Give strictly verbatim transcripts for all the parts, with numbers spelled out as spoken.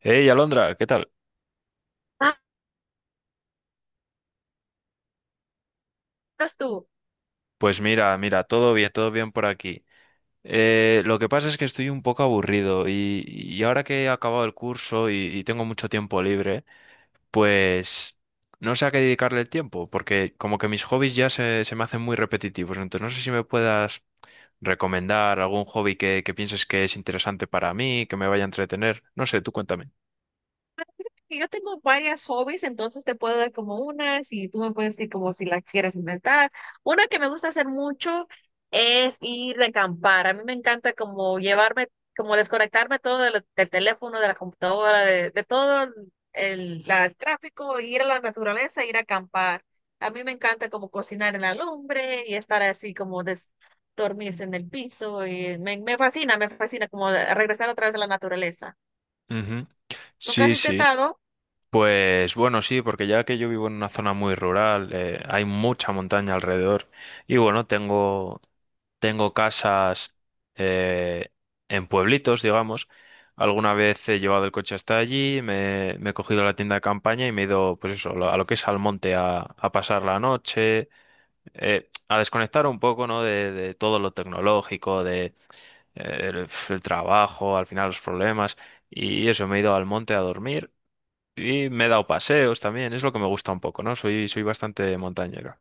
Hey, Alondra, ¿qué tal? Ah, eras tú. Pues mira, mira, todo bien, todo bien por aquí. Eh, lo que pasa es que estoy un poco aburrido y, y ahora que he acabado el curso y, y tengo mucho tiempo libre, pues no sé a qué dedicarle el tiempo, porque como que mis hobbies ya se, se me hacen muy repetitivos. Entonces no sé si me puedas recomendar algún hobby que, que pienses que es interesante para mí, que me vaya a entretener. No sé, tú cuéntame. Que Yo tengo varias hobbies, entonces te puedo dar como unas y tú me puedes decir como si la quieres inventar. Una que me gusta hacer mucho es ir de acampar. A mí me encanta como llevarme, como desconectarme todo de del teléfono, de la computadora, de, de todo el, la- el tráfico, ir a la naturaleza, ir a acampar. A mí me encanta como cocinar en la lumbre y estar así como des, dormirse en el piso. Y me, me fascina, me fascina como regresar otra vez a la naturaleza. Ujú. ¿Nunca has Sí, sí. intentado? Pues bueno, sí, porque ya que yo vivo en una zona muy rural, eh, hay mucha montaña alrededor. Y bueno, tengo, tengo casas eh, en pueblitos, digamos. Alguna vez he llevado el coche hasta allí, me, me he cogido la tienda de campaña y me he ido, pues eso, lo- a lo que es al monte a, a pasar la noche, eh, a desconectar un poco, ¿no? De, de todo lo tecnológico, de eh, el el trabajo, al final los problemas. Y eso, me he ido al monte a dormir. Y me he dado paseos también, es lo que me gusta un poco, ¿no? Soy, soy bastante montañero.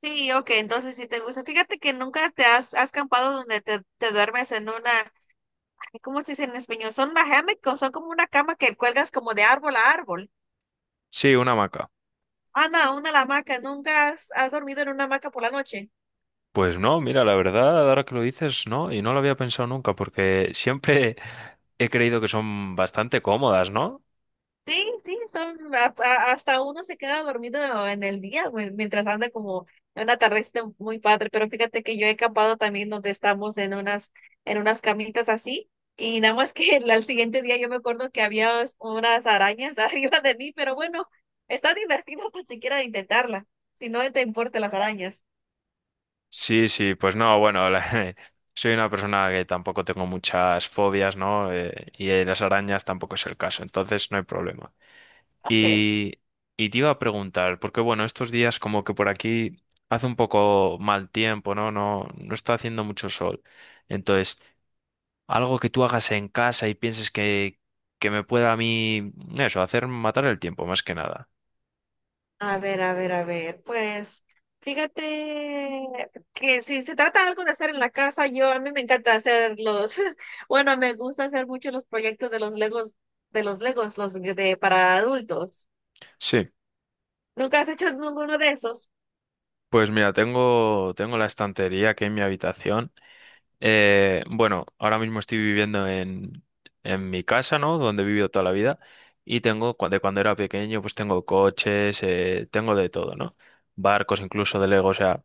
Sí, ok, entonces si te gusta. Fíjate que nunca te has, has campado donde te, te duermes en una, ay, ¿cómo se dice en español? Son una hammock, o son como una cama que cuelgas como de árbol a árbol. Sí, una hamaca. Ah, no, una hamaca. ¿Nunca has, has dormido en una hamaca por la noche? Pues no, mira, la verdad, ahora que lo dices, no, y no lo había pensado nunca, porque siempre he creído que son bastante cómodas, ¿no? Sí, sí, son a- a- hasta uno se queda dormido en el día, güey, mientras anda como en una tarde muy padre, pero fíjate que yo he campado también donde estamos en unas en unas camitas así y nada más que el- al siguiente día yo me acuerdo que había us- unas arañas arriba de mí, pero bueno, está divertido tan siquiera de intentarla, si no te importan las arañas. Sí, sí, pues no, bueno, la- soy una persona que tampoco tengo muchas fobias, ¿no? Eh, y eh, las arañas tampoco es el caso, entonces no hay problema. Ok. Y, y te iba a preguntar, porque bueno, estos días como que por aquí hace un poco mal tiempo, ¿no? No, no está haciendo mucho sol. Entonces, algo que tú hagas en casa y pienses que, que me pueda a mí, eso, hacer matar el tiempo, más que nada. A ver, a ver, a ver, pues fíjate que si se trata algo de hacer en la casa, yo a mí me encanta hacer los, bueno, me gusta hacer mucho los proyectos de los Legos, de los Legos, los de para adultos. Sí, ¿Nunca has hecho ninguno de esos? pues mira, tengo, tengo la estantería aquí en mi habitación. Eh, bueno, ahora mismo estoy viviendo en, en mi casa, ¿no? Donde he vivido toda la vida. Y tengo, cu- de cuando era pequeño, pues tengo coches, eh, tengo de todo, ¿no? Barcos, incluso de Lego, o sea,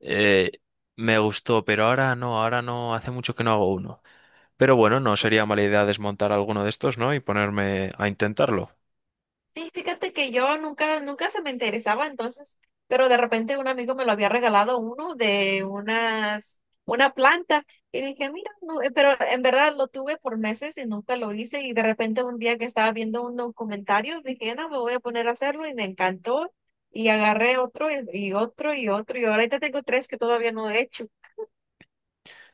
eh, me gustó, pero ahora no, ahora no, hace mucho que no hago uno. Pero bueno, no sería mala idea desmontar alguno de estos, ¿no? Y ponerme a intentarlo. Sí, fíjate que yo nunca, nunca se me interesaba entonces, pero de repente un amigo me lo había regalado uno de unas, una planta y dije, "mira, no", eh, pero en verdad lo tuve por meses y nunca lo hice y de repente un día que estaba viendo un documentario dije, "no, me voy a poner a hacerlo" y me encantó y agarré otro y, y otro y otro y ahorita tengo tres que todavía no he hecho.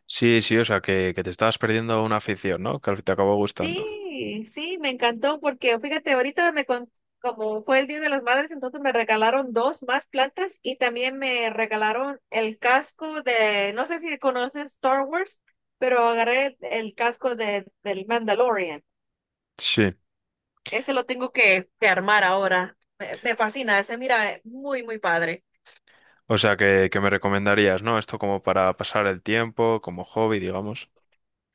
Sí, sí, o sea, que, que te estabas perdiendo una afición, ¿no? Que al fin te acabó gustando. Sí, sí, me encantó porque fíjate, ahorita me con- como fue el Día de las Madres, entonces me regalaron dos más plantas y también me regalaron el casco de, no sé si conoces Star Wars, pero agarré el casco de, del Mandalorian. Sí, Ese lo tengo que, que armar ahora. Me, me fascina, ese mira, eh, muy, muy padre. o sea que, que me recomendarías, ¿no? Esto como para pasar el tiempo, como hobby, digamos.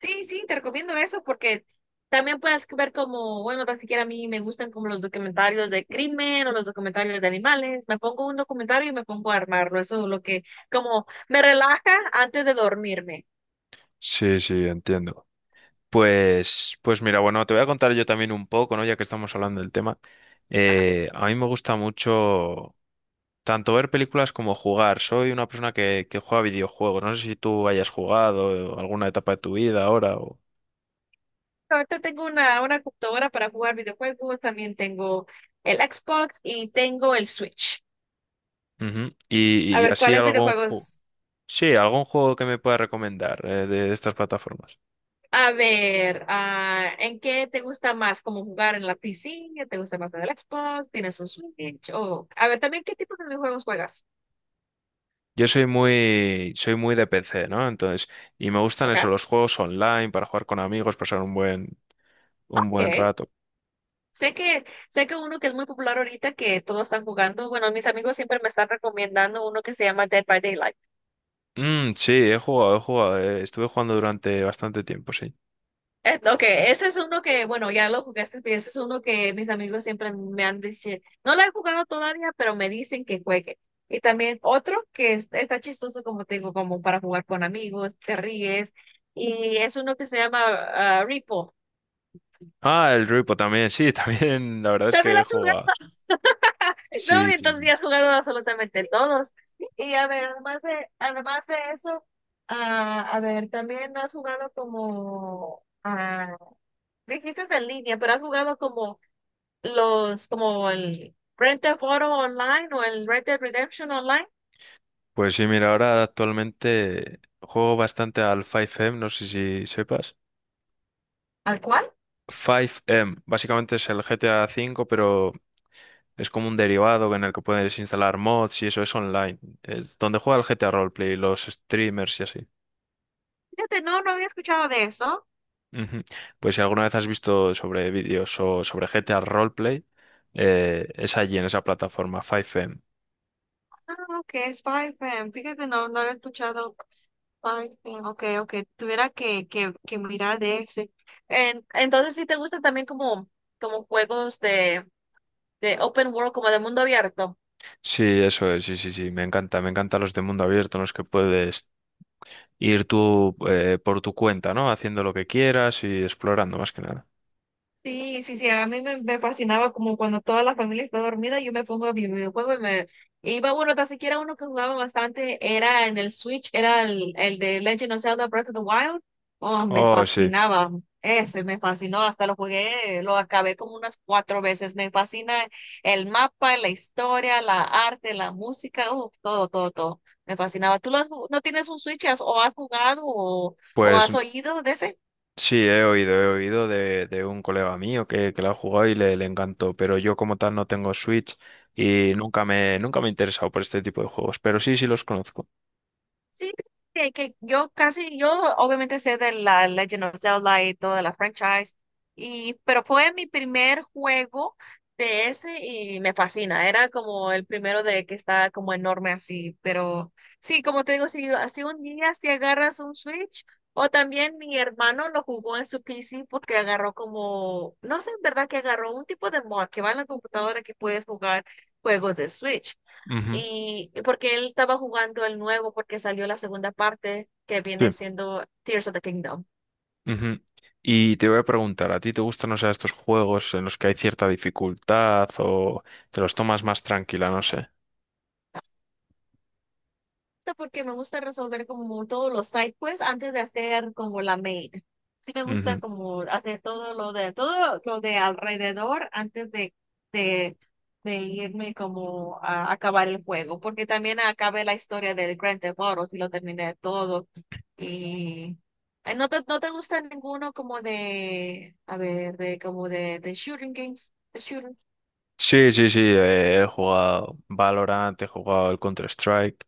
Sí, sí, te recomiendo eso porque también puedes ver como, bueno, tan siquiera a mí me gustan como los documentarios de crimen o los documentarios de animales. Me pongo un documentario y me pongo a armarlo. Eso es lo que como me relaja antes de dormirme. Sí, sí, entiendo. Pues, pues mira, bueno, te voy a contar yo también un poco, ¿no? Ya que estamos hablando del tema. Ajá. Eh, a mí me gusta mucho tanto ver películas como jugar. Soy una persona que, que juega videojuegos. No sé si tú hayas jugado eh, alguna etapa de tu vida ahora o... Ahorita tengo una, una computadora para jugar videojuegos, también tengo el Xbox y tengo el Switch. Ujú. A Y, y ver, así ¿cuáles algún juego... videojuegos? Sí, algún juego que me pueda recomendar eh, de estas plataformas. A ver, ah, ¿en qué te gusta más? ¿Como jugar en la piscina? ¿Te gusta más en el Xbox? ¿Tienes un Switch? O, a ver, también, ¿qué tipo de videojuegos juegas? Yo soy muy, soy muy de P C, ¿no? Entonces, y me gustan eso, ¿Ok? los juegos online para jugar con amigos, pasar un buen, un buen Ok. rato. Sé que, sé que uno que es muy popular ahorita, que todos están jugando, bueno, mis amigos siempre me están recomendando uno que se llama Dead by Daylight. Mm, sí, he jugado, he jugado. eh, Estuve jugando durante bastante tiempo, sí. Eh, Ok, ese es uno que, bueno, ya lo jugaste, pero ese es uno que mis amigos siempre me han dicho, no lo he jugado todavía, pero me dicen que juegue. Y también otro que es- está chistoso, como te digo, como para jugar con amigos, te ríes, y es uno que se llama ah, Repo. Ah, el Ruipo también, sí, también. La verdad es También que lo he has jugado. jugado, ¿no? Sí, sí, Entonces sí. ya has jugado absolutamente todos. Y a ver, además de, además de eso, ah, a ver, también has jugado como, ah, dijiste en línea, pero has jugado como... los como el Grand Theft Auto Online o el Red Dead Redemption Online. Pues sí, mira, ahora actualmente juego bastante al cinco M, no sé si sepas. ¿Al cual? cinco M, básicamente es el G T A V, pero es como un derivado en el que puedes instalar mods y eso es online. Es donde juega el G T A Roleplay, los streamers y así. Fíjate, no, no había escuchado de eso. Ujú. Pues si alguna vez has visto sobre vídeos o sobre G T A Roleplay, eh, es allí en esa plataforma, cinco M. Ah, ok, es cinco M. Fíjate, no, no había escuchado cinco M. Ok, ok, tuviera que, que, que mirar de ese. En- entonces, si te gustan también como, como juegos de, de open world, como de mundo abierto. Sí, eso es, sí, sí, sí, me encanta, me encantan los de mundo abierto en los que puedes ir tú eh, por tu cuenta, ¿no? Haciendo lo que quieras y explorando más que nada. Sí, sí, sí, a mí me, me fascinaba como cuando toda la familia está dormida, yo me pongo a mi videojuego y me iba, bueno, tan siquiera uno que jugaba bastante era en el Switch, era el, el de Legend of Zelda Breath of the Wild. Oh, me Oh, sí, fascinaba, ese me fascinó, hasta lo jugué, lo acabé como unas cuatro veces. Me fascina el mapa, la historia, la arte, la música, uh, todo, todo, todo. Me fascinaba. ¿Tú lo has ju- no tienes un Switch has- o has jugado o, o pues has oído de ese? sí, he oído, he oído de, de un colega mío que, que la ha jugado y le, le encantó, pero yo como tal no tengo Switch y nunca me, nunca me he interesado por este tipo de juegos, pero sí, sí los conozco. Sí, que, que yo casi, yo obviamente sé de la Legend of Zelda y toda la franchise, y, pero fue mi primer juego de ese y me fascina. Era como el primero de que está como enorme así, pero sí, como te digo, si, si un día si agarras un Switch, o también mi hermano lo jugó en su P C porque agarró como, no sé en verdad que agarró un tipo de mod que va en la computadora que puedes jugar juegos de Switch. Ujú, Y y porque él estaba jugando el nuevo, porque salió la segunda parte que viene siendo Tears of the Kingdom. Ujú. Y te voy a preguntar, ¿a ti te gustan, o sea, estos juegos en los que hay cierta dificultad o te los tomas más tranquila? No sé. Esto Porque me gusta resolver como todos los side quests antes de hacer como la main. Sí me gusta Ujú. como hacer todo lo de todo lo de alrededor antes de, de, de irme como a acabar el juego. Porque también acabé la historia del Grand Theft Auto, si lo terminé todo. Y eh, no te, no te gusta ninguno como de, a ver, de como de, de shooting games. Sí, sí, sí, eh, he jugado Valorant, he jugado el Counter-Strike,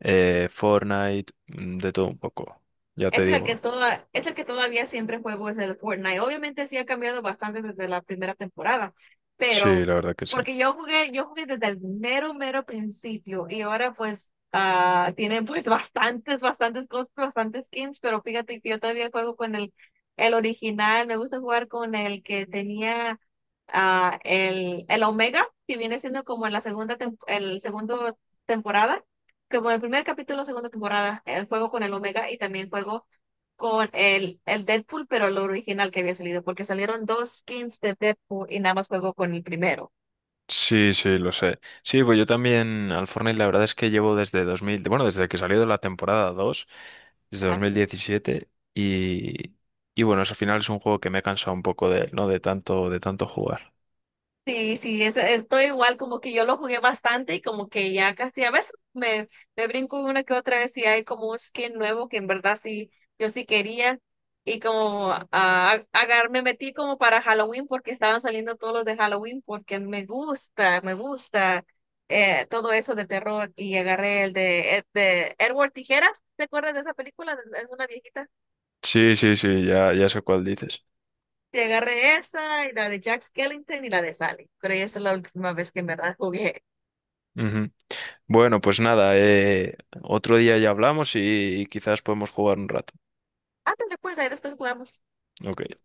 eh, Fortnite, mm, de todo un poco, ya te Ese es el que digo. toda, es el que todavía siempre juego, es el Fortnite. Obviamente sí ha cambiado bastante desde la primera temporada, Sí, pero la verdad que sí. porque yo jugué, yo jugué desde el mero, mero principio y ahora pues ah tienen pues bastantes, bastantes cosas, bastantes skins, pero fíjate que yo todavía juego con el, el original, me gusta jugar con el que tenía ah el, el Omega, que viene siendo como en la segunda, tem- el segundo temporada como el primer capítulo, segunda temporada, el juego con el Omega y también juego con el, el Deadpool, pero el original que había salido, porque salieron dos skins de Deadpool y nada más juego con el primero. Sí, sí, lo sé. Sí, pues yo también al Fortnite la verdad es que llevo desde dos mil bueno, desde que salió de la temporada dos, desde dos mil diecisiete y, y bueno, es- al final es un juego que me he cansado un poco de él, ¿no? De tanto, de tanto jugar. Sí, sí, es- estoy igual, como que yo lo jugué bastante y como que ya casi a veces me, me brinco una que otra vez y hay como un skin nuevo que en verdad sí, yo sí quería y como ah, agar, me metí como para Halloween porque estaban saliendo todos los de Halloween porque me gusta, me gusta eh, todo eso de terror y agarré el de, Ed- de Edward Tijeras, ¿te acuerdas de esa película? Es una viejita. Sí, sí, sí, ya, ya sé cuál dices. Y agarré esa y la de Jack Skellington y la de Sally, pero esa es la última vez que en verdad jugué. Ujú. Bueno, pues nada, eh, otro día ya hablamos y, y quizás podemos jugar un rato. Antes después, ahí después jugamos. Ok.